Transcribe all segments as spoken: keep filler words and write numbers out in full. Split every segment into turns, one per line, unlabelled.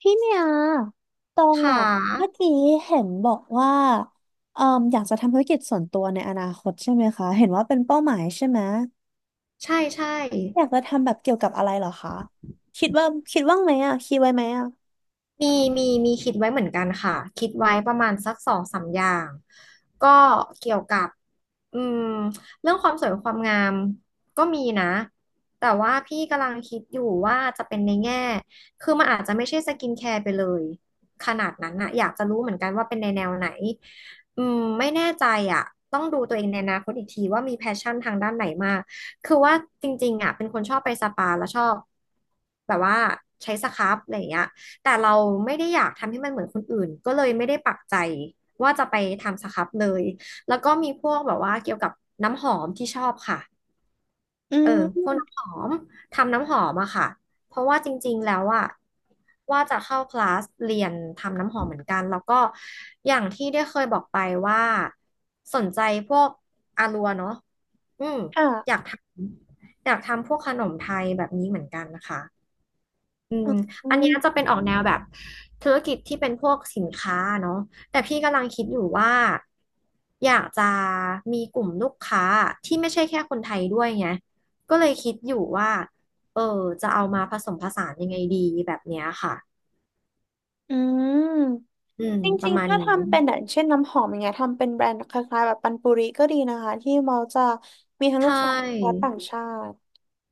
พี่เมียตอ
ข
งอ่ะ
า
เมื่อกี้เห็นบอกว่าเอ่มอยากจะทำธุรกิจส่วนตัวในอนาคตใช่ไหมคะ เห็นว่าเป็นเป้าหมายใช่ไหม
ใช่ใช่
อยากจะทำแบบเกี่ยวกับอะไรเหรอคะคิดว่าคิดว่างไหมอ่ะคิดไว้ไหมอ่ะ
มีมีมีคิดไว้เหมือนกันค่ะคิดไว้ประมาณสักสองสามอย่างก็เกี่ยวกับอืมเรื่องความสวยความงามก็มีนะแต่ว่าพี่กำลังคิดอยู่ว่าจะเป็นในแง่คือมันอาจจะไม่ใช่สกินแคร์ไปเลยขนาดนั้นนะอยากจะรู้เหมือนกันว่าเป็นในแนวไหนอืมไม่แน่ใจอ่ะต้องดูตัวเองในอนาคตอีกทีว่ามีแพชชั่นทางด้านไหนมากคือว่าจริงๆอ่ะเป็นคนชอบไปสปาแล้วชอบแบบว่าใช้สครับอะไรอย่างเงี้ย แต่เราไม่ได้อยากทำให้มันเหมือนคนอื่นก็เลยไม่ได้ปักใจว่าจะไปทำสครับเลยแล้วก็มีพวกแบบว่าเกี่ยวกับน้ำหอมที่ชอบค่ะ
อื
เออพวก
ม
น้ำหอมทำน้ำหอมอะค่ะเพราะว่าจริงๆแล้วอะว่าจะเข้าคลาสเรียนทำน้ำหอมเหมือนกันแล้วก็อย่างที่ได้เคยบอกไปว่าสนใจพวกอารัวเนาะอืมอ
ค่ะ
ยากทำอยากทำพวกขนมไทยแบบนี้เหมือนกันนะคะ อืม
อื
อันเนี้
ม
ยจะเป็นออกแนวแบบธุรกิจที่เป็นพวกสินค้าเนาะแต่พี่กำลังคิดอยู่ว่าอยากจะมีกลุ่มลูกค้าที่ไม่ใช่แค่คนไทยด้วยไงก็เลยคิดอยู่ว่าเออจะเอามาผสมผสานยังไงดีแบบเนี้ยค่ะ
อืม
อืม
จ
ป
ริ
ระ
ง
มา
ๆ
ณ
ถ้า
นี้
ทำเป็นอย่างเช่นน้ำหอมอย่างเงี้ยทำเป็นแบรนด์คล้ายๆแบบปันปุริก็ดีนะคะที่เราจะมีทั้ง
ใช
ลูกค้าและ
่
ต่างชาติ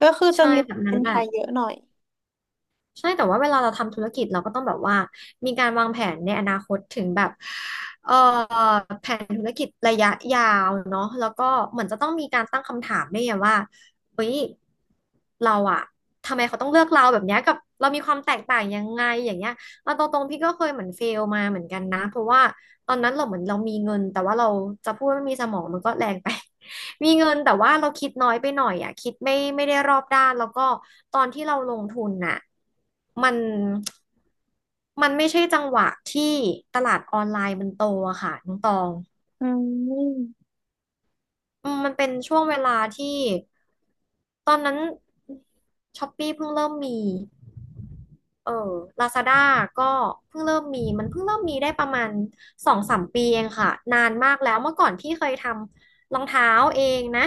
ก็คือจะ
ใช่
มี
แบบนั้
เป็
น
น
แห
ไท
ละ
ยเยอะหน่อย
ใช่แต่ว่าเวลาเราทำธุรกิจเราก็ต้องแบบว่ามีการวางแผนในอนาคตถึงแบบเอ่อแผนธุรกิจระยะยาวเนาะแล้วก็เหมือนจะต้องมีการตั้งคำถามด้วยไงว่าเฮ้ยเราอะทำไมเขาต้องเลือกเราแบบเนี้ยกับเรามีความแตกต่างยังไงอย่างเงี้ยเราตรงๆพี่ก็เคยเหมือนเฟลมาเหมือนกันนะเพราะว่าตอนนั้นเราเหมือนเรามีเงินแต่ว่าเราจะพูดว่าไม่มีสมองมันก็แรงไป มีเงินแต่ว่าเราคิดน้อยไปหน่อยอ่ะคิดไม่ไม่ได้รอบด้านแล้วก็ตอนที่เราลงทุนน่ะมันมันไม่ใช่จังหวะที่ตลาดออนไลน์มันโตอะค่ะน้องตอง
อืม
อืมมันเป็นช่วงเวลาที่ตอนนั้นช้อปปี้เพิ่งเริ่มมี เออ ลาซาด้า ก็เพิ่งเริ่มมี มันเพิ่งเริ่มมีได้ประมาณสองสามปีเองค่ะนานมากแล้วเมื่อก่อนพี่เคยทำรองเท้าเองนะ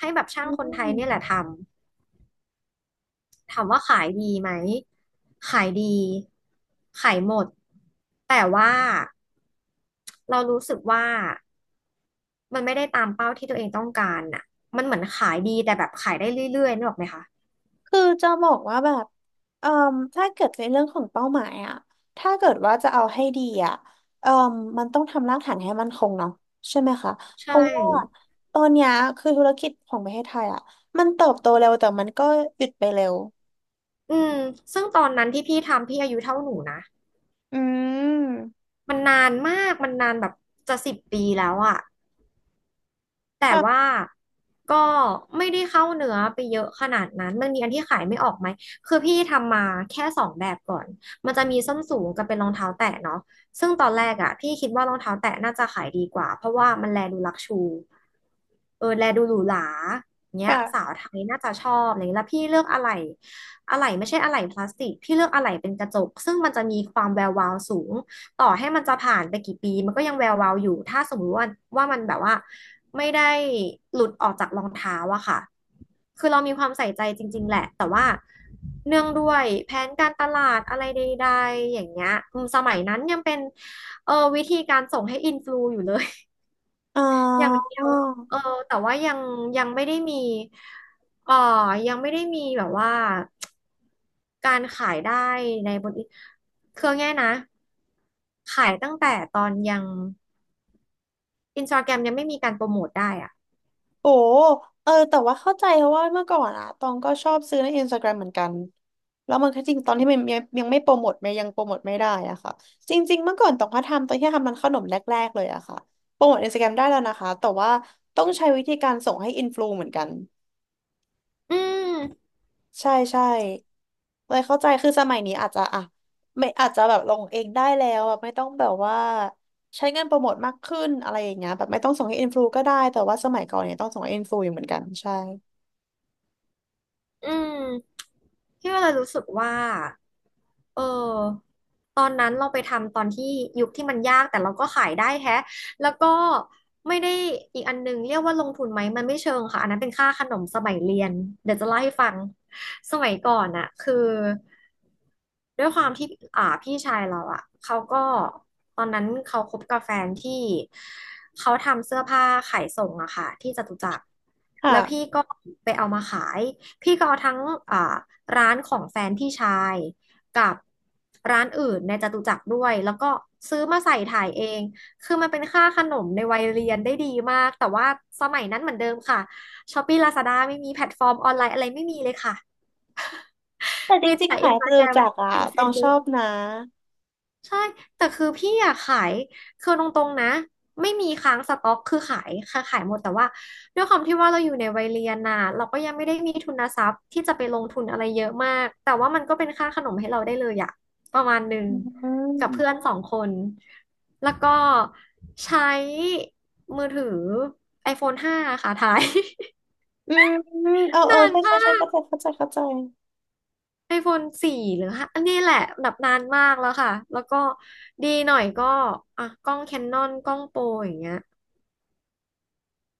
ให้แบบช่า
อื
งคนไทยเนี่ยแห
ม
ละทำถามว่าขายดีไหมขายดีขายหมดแต่ว่าเรารู้สึกว่ามันไม่ได้ตามเป้าที่ตัวเองต้องการน่ะมันเหมือนขายดีแต่แบบขายได้เรื่อยๆนึกออกไหมคะ
คือจะบอกว่าแบบเอ่มถ้าเกิดในเรื่องของเป้าหมายอะถ้าเกิดว่าจะเอาให้ดีอะเอ่มมันต้องทำรากฐานให้มั่นคงเนาะใช่ไหมคะ เพ
ใช่
ราะว่าตอนเนี้ยคือธุรกิจของประเทศไทยอะมันเติบโตเร็วแต่มันก็หยุดไปเร็ว
อืมซึ่งตอนนั้นที่พี่ทำพี่อายุเท่าหนูนะ
อืม
มันนานมาก มันนานแบบจะสิบปีแล้วอะแต่ว่า
ค่ะ
ก็ไม่ได้เข้าเนื้อไปเยอะขนาดนั้นมันมีอันที่ขายไม่ออกไหมคือพี่ทำมาแค่สองแบบก่อน มันจะมีส้นสูงกับเป็นรองเท้าแตะเนาะซึ่งตอนแรกอะพี่คิดว่ารองเท้าแตะน่าจะขายดีกว่าเพราะว่ามันแลดูลักชูเออแลดูหรูหราเนี้ยสา
ค่ะ
วไทยน่าจะชอบอะไรเงี้ยแล้วพี่เลือกอะไหล่อะไหล่ไม่ใช่อะไหล่พลาสติกพี่เลือกอะไหล่เป็นกระจกซึ่งมันจะมีความแวววาวสูง ต่อให้มันจะผ่านไปกี่ปีมันก็ยังแวววาวอยู่ ถ้าสมมติว่าว่ามันแบบว่าไม่ได้หลุดออกจากรองเท้าอะค่ะ คือเรามีความใส่ใจจริงๆแหละแต่เนื่องด้วยแผนการตลาดอะไรใดๆอย่างเงี้ยอืมสมัยนั้นยังเป็นเออวิธีการส่งให้อินฟลูอยู่เลย
อ๋
อย่าง
อ
เดียวเออแต่ว่ายังยังไม่ได้มีเออยังไม่ได้มีแบบว่า การขายได้ในบนคือง่ายๆนะ ขายตั้งแต่ตอนยังอินสตาแกรมยังไม่มีการโปรโมทได้อ่ะ
โอ้เออแต่ว่าเข้าใจเพราะว่าเมื่อก่อนอะตองก็ชอบซื้อในอินสตาแกรมเหมือนกัน แล้วมันก็จริงตอนที่มันยังยังไม่โปรโมทไมันยังโปรโมทไม่ได้อะค่ะจริงๆเมื่อก่อนตองก็ทำตอนที่ทำมันขนมแรกๆเลยอะค่ะ โปรโมทอินสตาแกรมได้แล้วนะคะ แต่ว่าต้องใช้วิธีการส่งให้อินฟลูเหมือนกัน
อืม
ใช่ใช่เลยเข้าใจคือสมัยนี้อาจจะอ่ะไม่อาจจะแบบลงเองได้แล้วแบบไม่ต้องแบบว่าใช้เงินโปรโมทมากขึ้นอะไรอย่างเงี้ยแบบไม่ต้องส่งให้อินฟลูก็ได้แต่ว่าสมัยก่อนเนี่ยต้องส่งให้อินฟลูอยู่เหมือนกันใช่
อืมพี่ก็เลยรู้สึกว่าเออตอนนั้นเราไปทำตอนที่ยุคที่มันยากแต่เราก็ขายได้แฮะแล้วก็ไม่ได้อีกอันหนึงเรียกว่าลงทุนไหมมันไม่เชิงค่ะอันนั้นเป็นค่าขนมสมัยเรียนเดี๋ยวจะเล่าให้ฟังสมัยก่อนอะคือด้วยความที่อ่าพี่ชายเราอะเขาก็ตอนนั้นเขาคบกับแฟนที่เขาทำเสื้อผ้าขายส่งอะค่ะที่จตุจักรแล้วพี่
ค่ะ
ก็ไปเอามาขาย พี่ก็เอาทั้งอ่าร้านของแฟนพี่ชายกับร้านอื่นในจตุจักรด้วยแล้วก็ซื้อมาใส่ถ่ายเองคือมันเป็นค่าขนมในวัยเรียนได้ดีมากแต่ว่าสมัยนั้นเหมือนเดิมค่ะช้อปปี้ลาซาด้าไม่มีแพลตฟอร์มออนไลน์อะไรไม่มีเลยค่ะ
แต่จ
มี
ริง
แต่
ๆ
อิ
หา
น
ย
ส
ไป
ตา
เล
แกร
ย
ม
จากอ่ะ
เฟ
ต้อ
ซ
งชอ
บุ๊ก
บนะ
ใช่ แต่คือพี่อยากขายคือตรงๆนะไม่มีค้างสต็อกคือขายค่ะขายหมดแต่ว่าด้วยความที่ว่าเราอยู่ในวัยเรียนน่ะเราก็ยังไม่ได้มีทุนทรัพย์ที่จะไปลงทุนอะไรเยอะมากแต่ว่ามันก็เป็นค่าขนมให้เราได้เลยอะประมาณหนึ่ง
อื
กับ
ม
เพื่อนสองคนแล้วก็ใช้มือถือ iPhone ห้าค่ะถ่าย
อืมเออ เออ
นาน
ใช่ใช่
มา
ใช่
ก
เข้าใจเข้าใจเข้าใจ
iPhone สี่หรือห้าอันนี้แหละแบบนานมากแล้วค่ะแล้วก็ดีหน่อยก็อ่ะกล้อง Canon กล้องโปรอย่างเงี้ย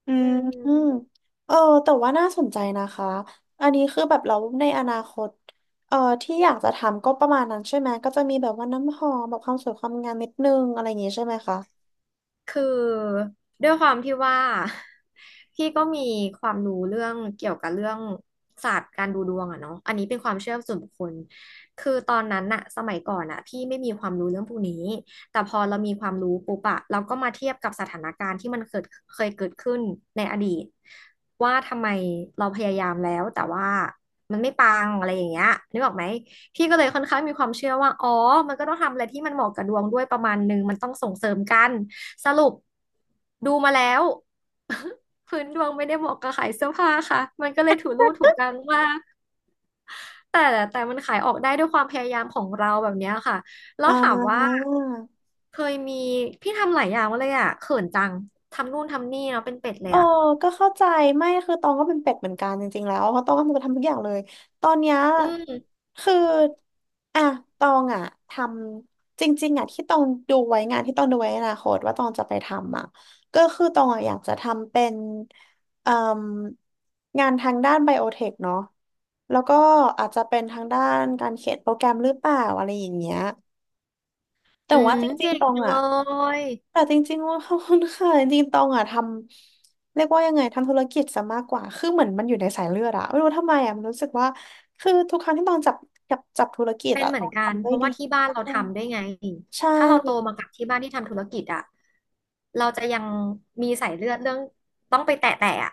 อื
อื
มอืม
ม
เออ แต่ว่าน่าสนใจนะคะ อันนี้คือแบบเราในอนาคตเออที่อยากจะทำก็ประมาณนั้นใช่ไหม ก็จะมีแบบว่าน้ำหอมแบบความสวยความงามนิดนึงอะไรอย่างงี้ใช่ไหมคะ
คือด้วยความที่ว่า พี่ก็มีความรู้เรื่องเกี่ยวกับเรื่องศาสตร์การดูดวงอะเนาะอันนี้เป็นความเชื่อส่วนบุคคลคือตอนนั้นอะสมัยก่อนอะพี่ไม่มีความรู้เรื่องพวกนี้แต่พอเรามีความรู้ปุ๊บอะเราก็มาเทียบกับสถานการณ์ที่มันเกิดเคยเกิดขึ้นในอดีตว่าทำไมเราพยายามแล้วแต่ว่ามันไม่ปังอะไรอย่างเงี้ยนึกออกไหมพี่ก็เลยค่อนข้างมีความเชื่อว่าอ๋อมันก็ต้องทำอะไรที่มันเหมาะกับดวงด้วยประมาณนึงมันต้องส่งเสริมกัน สรุปดูมาแล้ว พื้นดวงไม่ได้เหมาะกับขายเสื้อผ้าค่ะมันก็เลยถูรู่ถูกกลางมากแต่แต่มันขายออกได้ด้วยความพยายามของเราแบบเนี้ยค่ะแล้
อ่
วถามว่า
า
เคยมีพี่ทำหลายอย่างเลยอ่ะเขินจังทำนู่นทำนี่เนาะเป็นเป็ดเล
เอ
ย
อ
อ่ะ
ก็เข้าใจไม่คือตองก็เป็นเป็ดเหมือนกันจริงๆแล้วเพราะตองก็ทำทุกอย่างเลยตอนเนี้ย
อืม
คืออ่ะตองอ่ะทำจริงๆอ่ะที่ตองดูไว้งานที่ตองดูไว้ในอนาคตว่าตองจะไปทำอ่ะก็คือตองอ่ะอยากจะทำเป็นเอ่มงานทางด้านไบโอเทคเนาะแล้วก็อาจจะเป็นทางด้านการเขียนโปรแกรมหรือเปล่าอะไรอย่างเงี้ย แต่
อื
ว่า
ม
จริง
เก่ง
ๆตอง
จังเล
อ่ะ
ย
แต่จริงๆว่า ขอบคุณค่ะจริงๆตองอ่ะทำเรียกว่ายังไงทำธุรกิจซะมากกว่าคือเหมือนมันอยู่ในสายเลือดอะไม่รู้ทำไมอะมันรู้สึกว่าคือทุกครั้งที่ตองจับจับจับธุรกิจ
เป็น
อะ
เห
ต
มือ
อ
น
ง
กัน
ทำ
เพ
ได้
ราะ
ดี
ว่าที่บ้านเราทำด้วยไง
ใช่
ถ้าเราโตมากับที่บ้านที่ทำธุรกิจอ่ะเราจะยังมีสายเลือดเรื่องต้องไปแตะแตะอ่ะ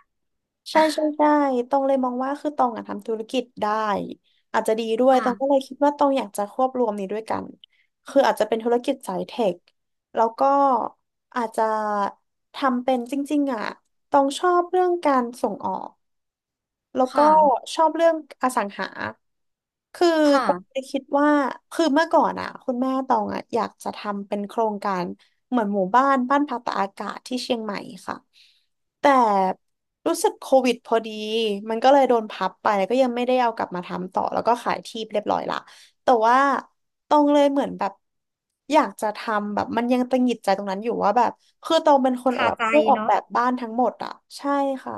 ใช่ใช่ใช่ตองเลยมองว่าคือตองอะทำธุรกิจได้อาจจะดีด้วยต
ค่ะ
องก็เลยคิดว่าตองอยากจะควบรวมนี้ด้วยกัน คืออาจจะเป็นธุรกิจสายเทค แล้วก็อาจจะทำเป็นจริงๆอะตองชอบเรื่องการส่งออก แล้ว
ค
ก็
่ะ
ชอบเรื่องอสังหาคือตอง
ค่ะ
เลยคิดว่าคือเมื่อก่อนอ่ะคุณแม่ตองอ่ะอยากจะทำเป็นโครงการเหมือนหมู่บ้านบ้านพักตากอากาศที่เชียงใหม่ค่ะแต่รู้สึกโควิดพอดีมันก็เลยโดนพับไปแล้วก็ยังไม่ได้เอากลับมาทำต่อแล้วก็ขายที่เรียบร้อยละแต่ว่าตองเลยเหมือนแบบอยากจะทำแบบมันยังตังหงิดใจตรงนั้นอยู่ว่าแบบคือตองเป็นคน
คา
แบบ
ใจ
ช่วยออก
เนาะ
แบบบ้านทั้งหมดอ่ะใช่ค่ะ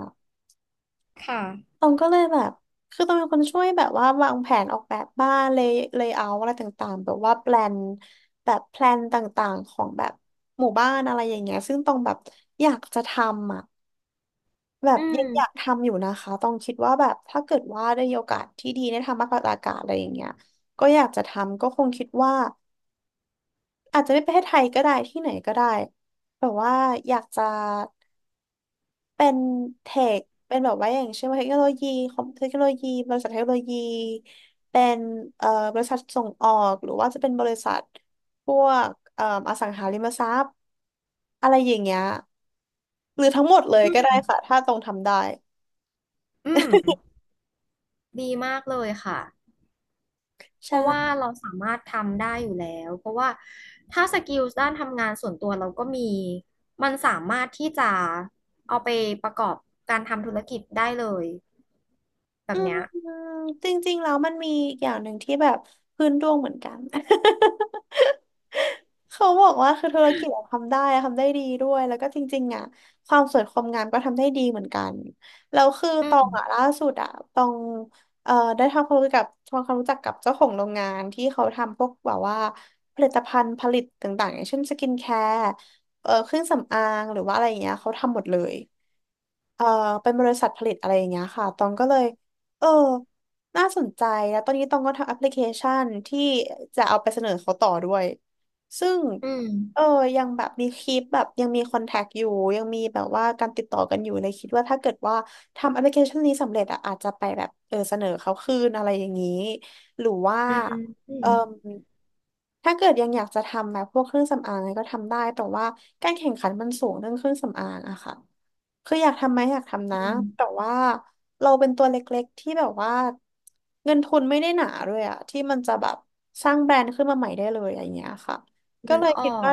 ค่ะ
ตองก็เลยแบบคือตองเป็นคนช่วยแบบว่าวางแผนออกแบบบ้านเลย์เลเยเอร์อะไรต่างๆแบบว่าแพลนแบบแพลนต่างๆของแบบหมู่บ้านอะไรอย่างเงี้ยซึ่งตองแบบอยากจะทำอ่ะแบบ
อื
ยังอยาก
ม
ทำอยู่นะคะตองคิดว่าแบบถ้าเกิดว่าได้มีโอกาสที่ดีได้ทำมากกว่าอากาศอะไรอย่างเงี้ยก็อยากจะทำก็คงคิดว่าอาจจะไม่ประเทศไทยก็ได้ที่ไหนก็ได้แต่ว่าอยากจะ เป็นเทคเป็นแบบว่าอย่างเช่นว่าเทคโนโลยีคอมเทคโนโลยีบริษัทเทคโนโลยีเป็นเอ่อบริษัทส่งออกหรือว่าจะเป็นบริษัทพวกเอ่ออสังหาริมทรัพย์อะไรอย่างเงี้ยหรือทั้งหมดเลยก็ได้ค่ะถ้าตรงทำได้
อืม ดีมากเลยค่ะ เพราะว่า
ใช่
เราสามารถทำได้อยู่แล้ว เพราะว่าถ้าสกิลด้านทำงานส่วนตัวเราก็มี มันสามารถที่จะเอาไปประกอบการทำธุรกิจได้เลยแบ
อื
บเนี้
ม
ย
จริงๆแล้วมันมีอีกอย่างหนึ่งที่แบบพื้นดวงเหมือนกัน เขาบอกว่าคือธุรกิจอะทำได้อะทำได้ดีด้วยแล้วก็จริงๆอ่ะความสวยความงามก็ทำได้ดีเหมือนกันแล้วคือ
อื
ตองอ่ะ
ม
ล่าสุดอ่ะตองเอ่อได้ทำความรู้จักกับทำความรู้จักกับเจ้าของโรงงานที่เขาทำพวกแบบว่าผลิตภัณฑ์ผลิตต่างๆอย่างเช่นสกินแคร์เอ่อเครื่องสำอางหรือว่าอะไรอย่างเงี้ยเขาทำหมดเลย เอ่อเป็นบริษัทผลิตอะไรอย่างเงี้ยค่ะตองก็เลยเออน่าสนใจแล้วตอนนี้ตองก็ทำแอปพลิเคชันที่จะเอาไปเสนอเขาต่อด้วยซึ่ง
อืม
เออยังแบบมีคลิปแบบยังมีคอนแทคอยู่ยังมีแบบว่าการติดต่อกันอยู่เลยคิดว่าถ้าเกิดว่าทำแอปพลิเคชันนี้สำเร็จอะอาจจะไปแบบเออเสนอเขาคืนอะไรอย่างนี้หรือว่า
อืมอื
เอ
ม
อถ้าเกิดยังอยากจะทำแบบพวกเครื่องสำอางอะไรก็ทำได้แต่ว่าการแข่งขันมันสูงเรื่องเครื่องสำอางอะค่ะ คืออยากทำไหมอยากทำนะ
อืม
แต่ว่าเราเป็นตัวเล็กๆที่แบบว่าเงินทุนไม่ได้หนาด้วยอะที่มันจะแบบสร้างแบรนด์ขึ้นมาใหม่ได้เลยอย่างเงี้ยค่ะก็
นึ
เล
ก
ย
ออ
คิดว่า
ก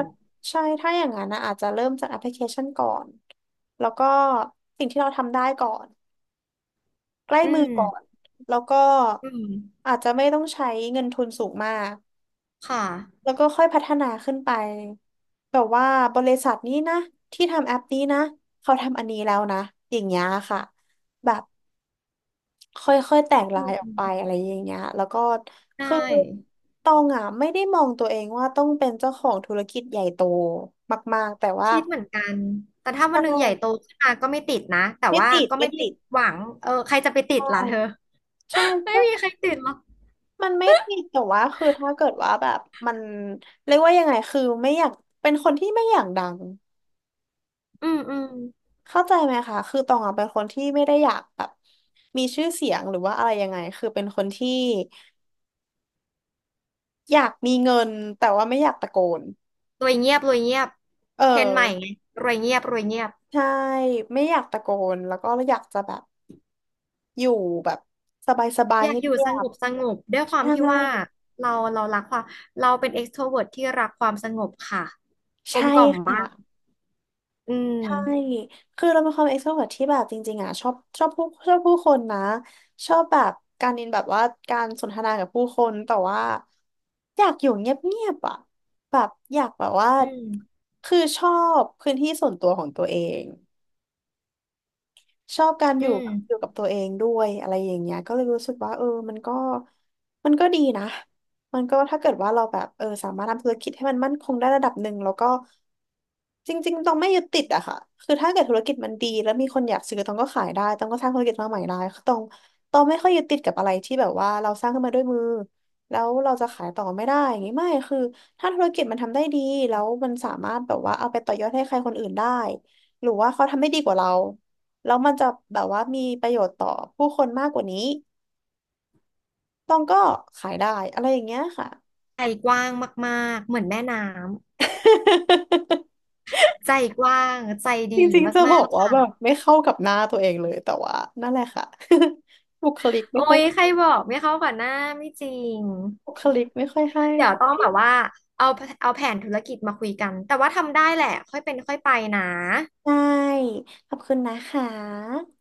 ใช่ถ้าอย่างนั้นนะอาจจะเริ่มจากแอปพลิเคชันก่อนแล้วก็สิ่งที่เราทำได้ก่อนใกล้
อื
มือก่อน
ม
แล้วก็
อืม
อาจจะไม่ต้องใช้เงินทุนสูงมาก
ค่ะ
แล้วก็ค่อยพัฒนาขึ้นไปแบบว่าบริษัทนี้นะที่ทำแอปนี้นะเขาทำอันนี้แล้วนะอย่างเงี้ยค่ะแบบค่อยๆแตกลายออก
อื
ไป
ม
อะไรอย่างเงี้ยแล้วก็
ได
คือ
้
ตองอ่ะไม่ได้มองตัวเองว่าต้องเป็นเจ้าของธุรกิจใหญ่โตมากๆแต่ว่า
คิดเหมือนกันแต่ถ้าวั
ใช่
นหนึ่งใหญ่โตขึ้นมาก็ไม่ติดนะแต่
ไม่
ว่า
ติด
ก็
ไม่
ไม่ได้
ติด
หวังเออใครจะไปติ
ใช่
ดล่ะเธอ
ใช่
ไม่
ก็
มีใครติดหรอก
มันไม่ติดแต่ว่าคือถ้าเกิดว่าแบบมันเรียกว่ายังไงคือไม่อยากเป็นคนที่ไม่อยากดัง
อืมอืม
เข้าใจไหมคะ คือตองอะเป็นคนที่ไม่ได้อยากแบบมีชื่อเสียงหรือว่าอะไรยังไงคือเป็นคนที่อยากมีเงินแต่ว่าไม่อยากตะโกน
รวยเงียบรวยเงียบ
เออ
เทรนด์ใหม่ไงรวยเงียบรวยเงียบ
ใช่ไม่อยากตะโกนแล้วก็อยากจะแบบอยู่แบบสบาย
อ
ๆ
ยา
เ
กอยู่
งี
ส
ย
ง
บ
บสงบด้วย
ๆ
ความ
ใช่
ที่ว่าเราเรารักความเราเป็น extrovert ทรเวิร์ตที่รักความสงบค่ะกล
ใช่
มกล่อมมา
ค่ะ
กอื
ใช่
ม
คือเราเป็นความ อี เอ็กซ์ ที อาร์ โอ วี อี อาร์ ที ที่แบบจริงๆอ่ะชอบชอบผู้ชอบผู้คนนะชอบแบบการอินแบบว่าการสนทนากับผู้คนแต่ว่าอยากอยู่เงียบๆอ่ะแบบอยากแบบว่า
อืม
คือชอบพื้นที่ส่วนตัวของตัวเอง ชอบการอ
อื
ยู่อยู่
ม
กับตัวเองด้วยอะไรอย่างเงี้ยก็เลยรู้สึกว่าเออมันก็มันก็ดีนะมันก็ถ้าเกิดว่าเราแบบเออสามารถทำธุรกิจให้มันมั่นคงได้ระดับหนึ่งแล้วก็จริงๆต้องไม่ยึดติดอะค่ะคือถ้าเกิดธุรกิจมันดีแล้วมีคนอยากซื้อต้องก็ขายได้ต้องก็สร้างธุรกิจมาใหม่ได้คือต้องต้องไม่ค่อยยึดติดกับอะไรที่แบบว่าเราสร้างขึ้นมาด้วยมือแล้วเราจะขายต่อไม่ได้อย่างงี้ไม่คือถ้าธุรกิจมันทำได้ดีแล้วมันสามารถแบบว่าเอาไปต่อยอดให้ใครคนอื่นได้หรือว่าเขาทำได้ดีกว่าเรา แล้วมันจะแบบว่ามีประโยชน์ต่อผู้คนมากกว่านี้ต้องก็ขายได้อะไรอย่างเงี้ยค่ะ
ใจกว้างมากๆเหมือนแม่น้ ำใจกว้างใจ
จ
ดี
ริงๆจะบ
มา
อ
ก
ก
ๆ
ว่า
ค่ะ
แบบไม่เข้ากับหน้าตัวเองเลยแต่ว่านั่นแหละค่ะ บุคลิกไม่
โอ้
ค่อย
ยใครบอกไม่เข้ากับหน้าไม่จริง
บุคลิกไม่ค่อยให้
เดี๋ยวต้องแบบว่าเอาเอาแผนธุรกิจมาคุยกันแต่ว่าทำได้แหละค่อยเป็นค่อยไปนะ
ใช่ ขอบคุณนะคะ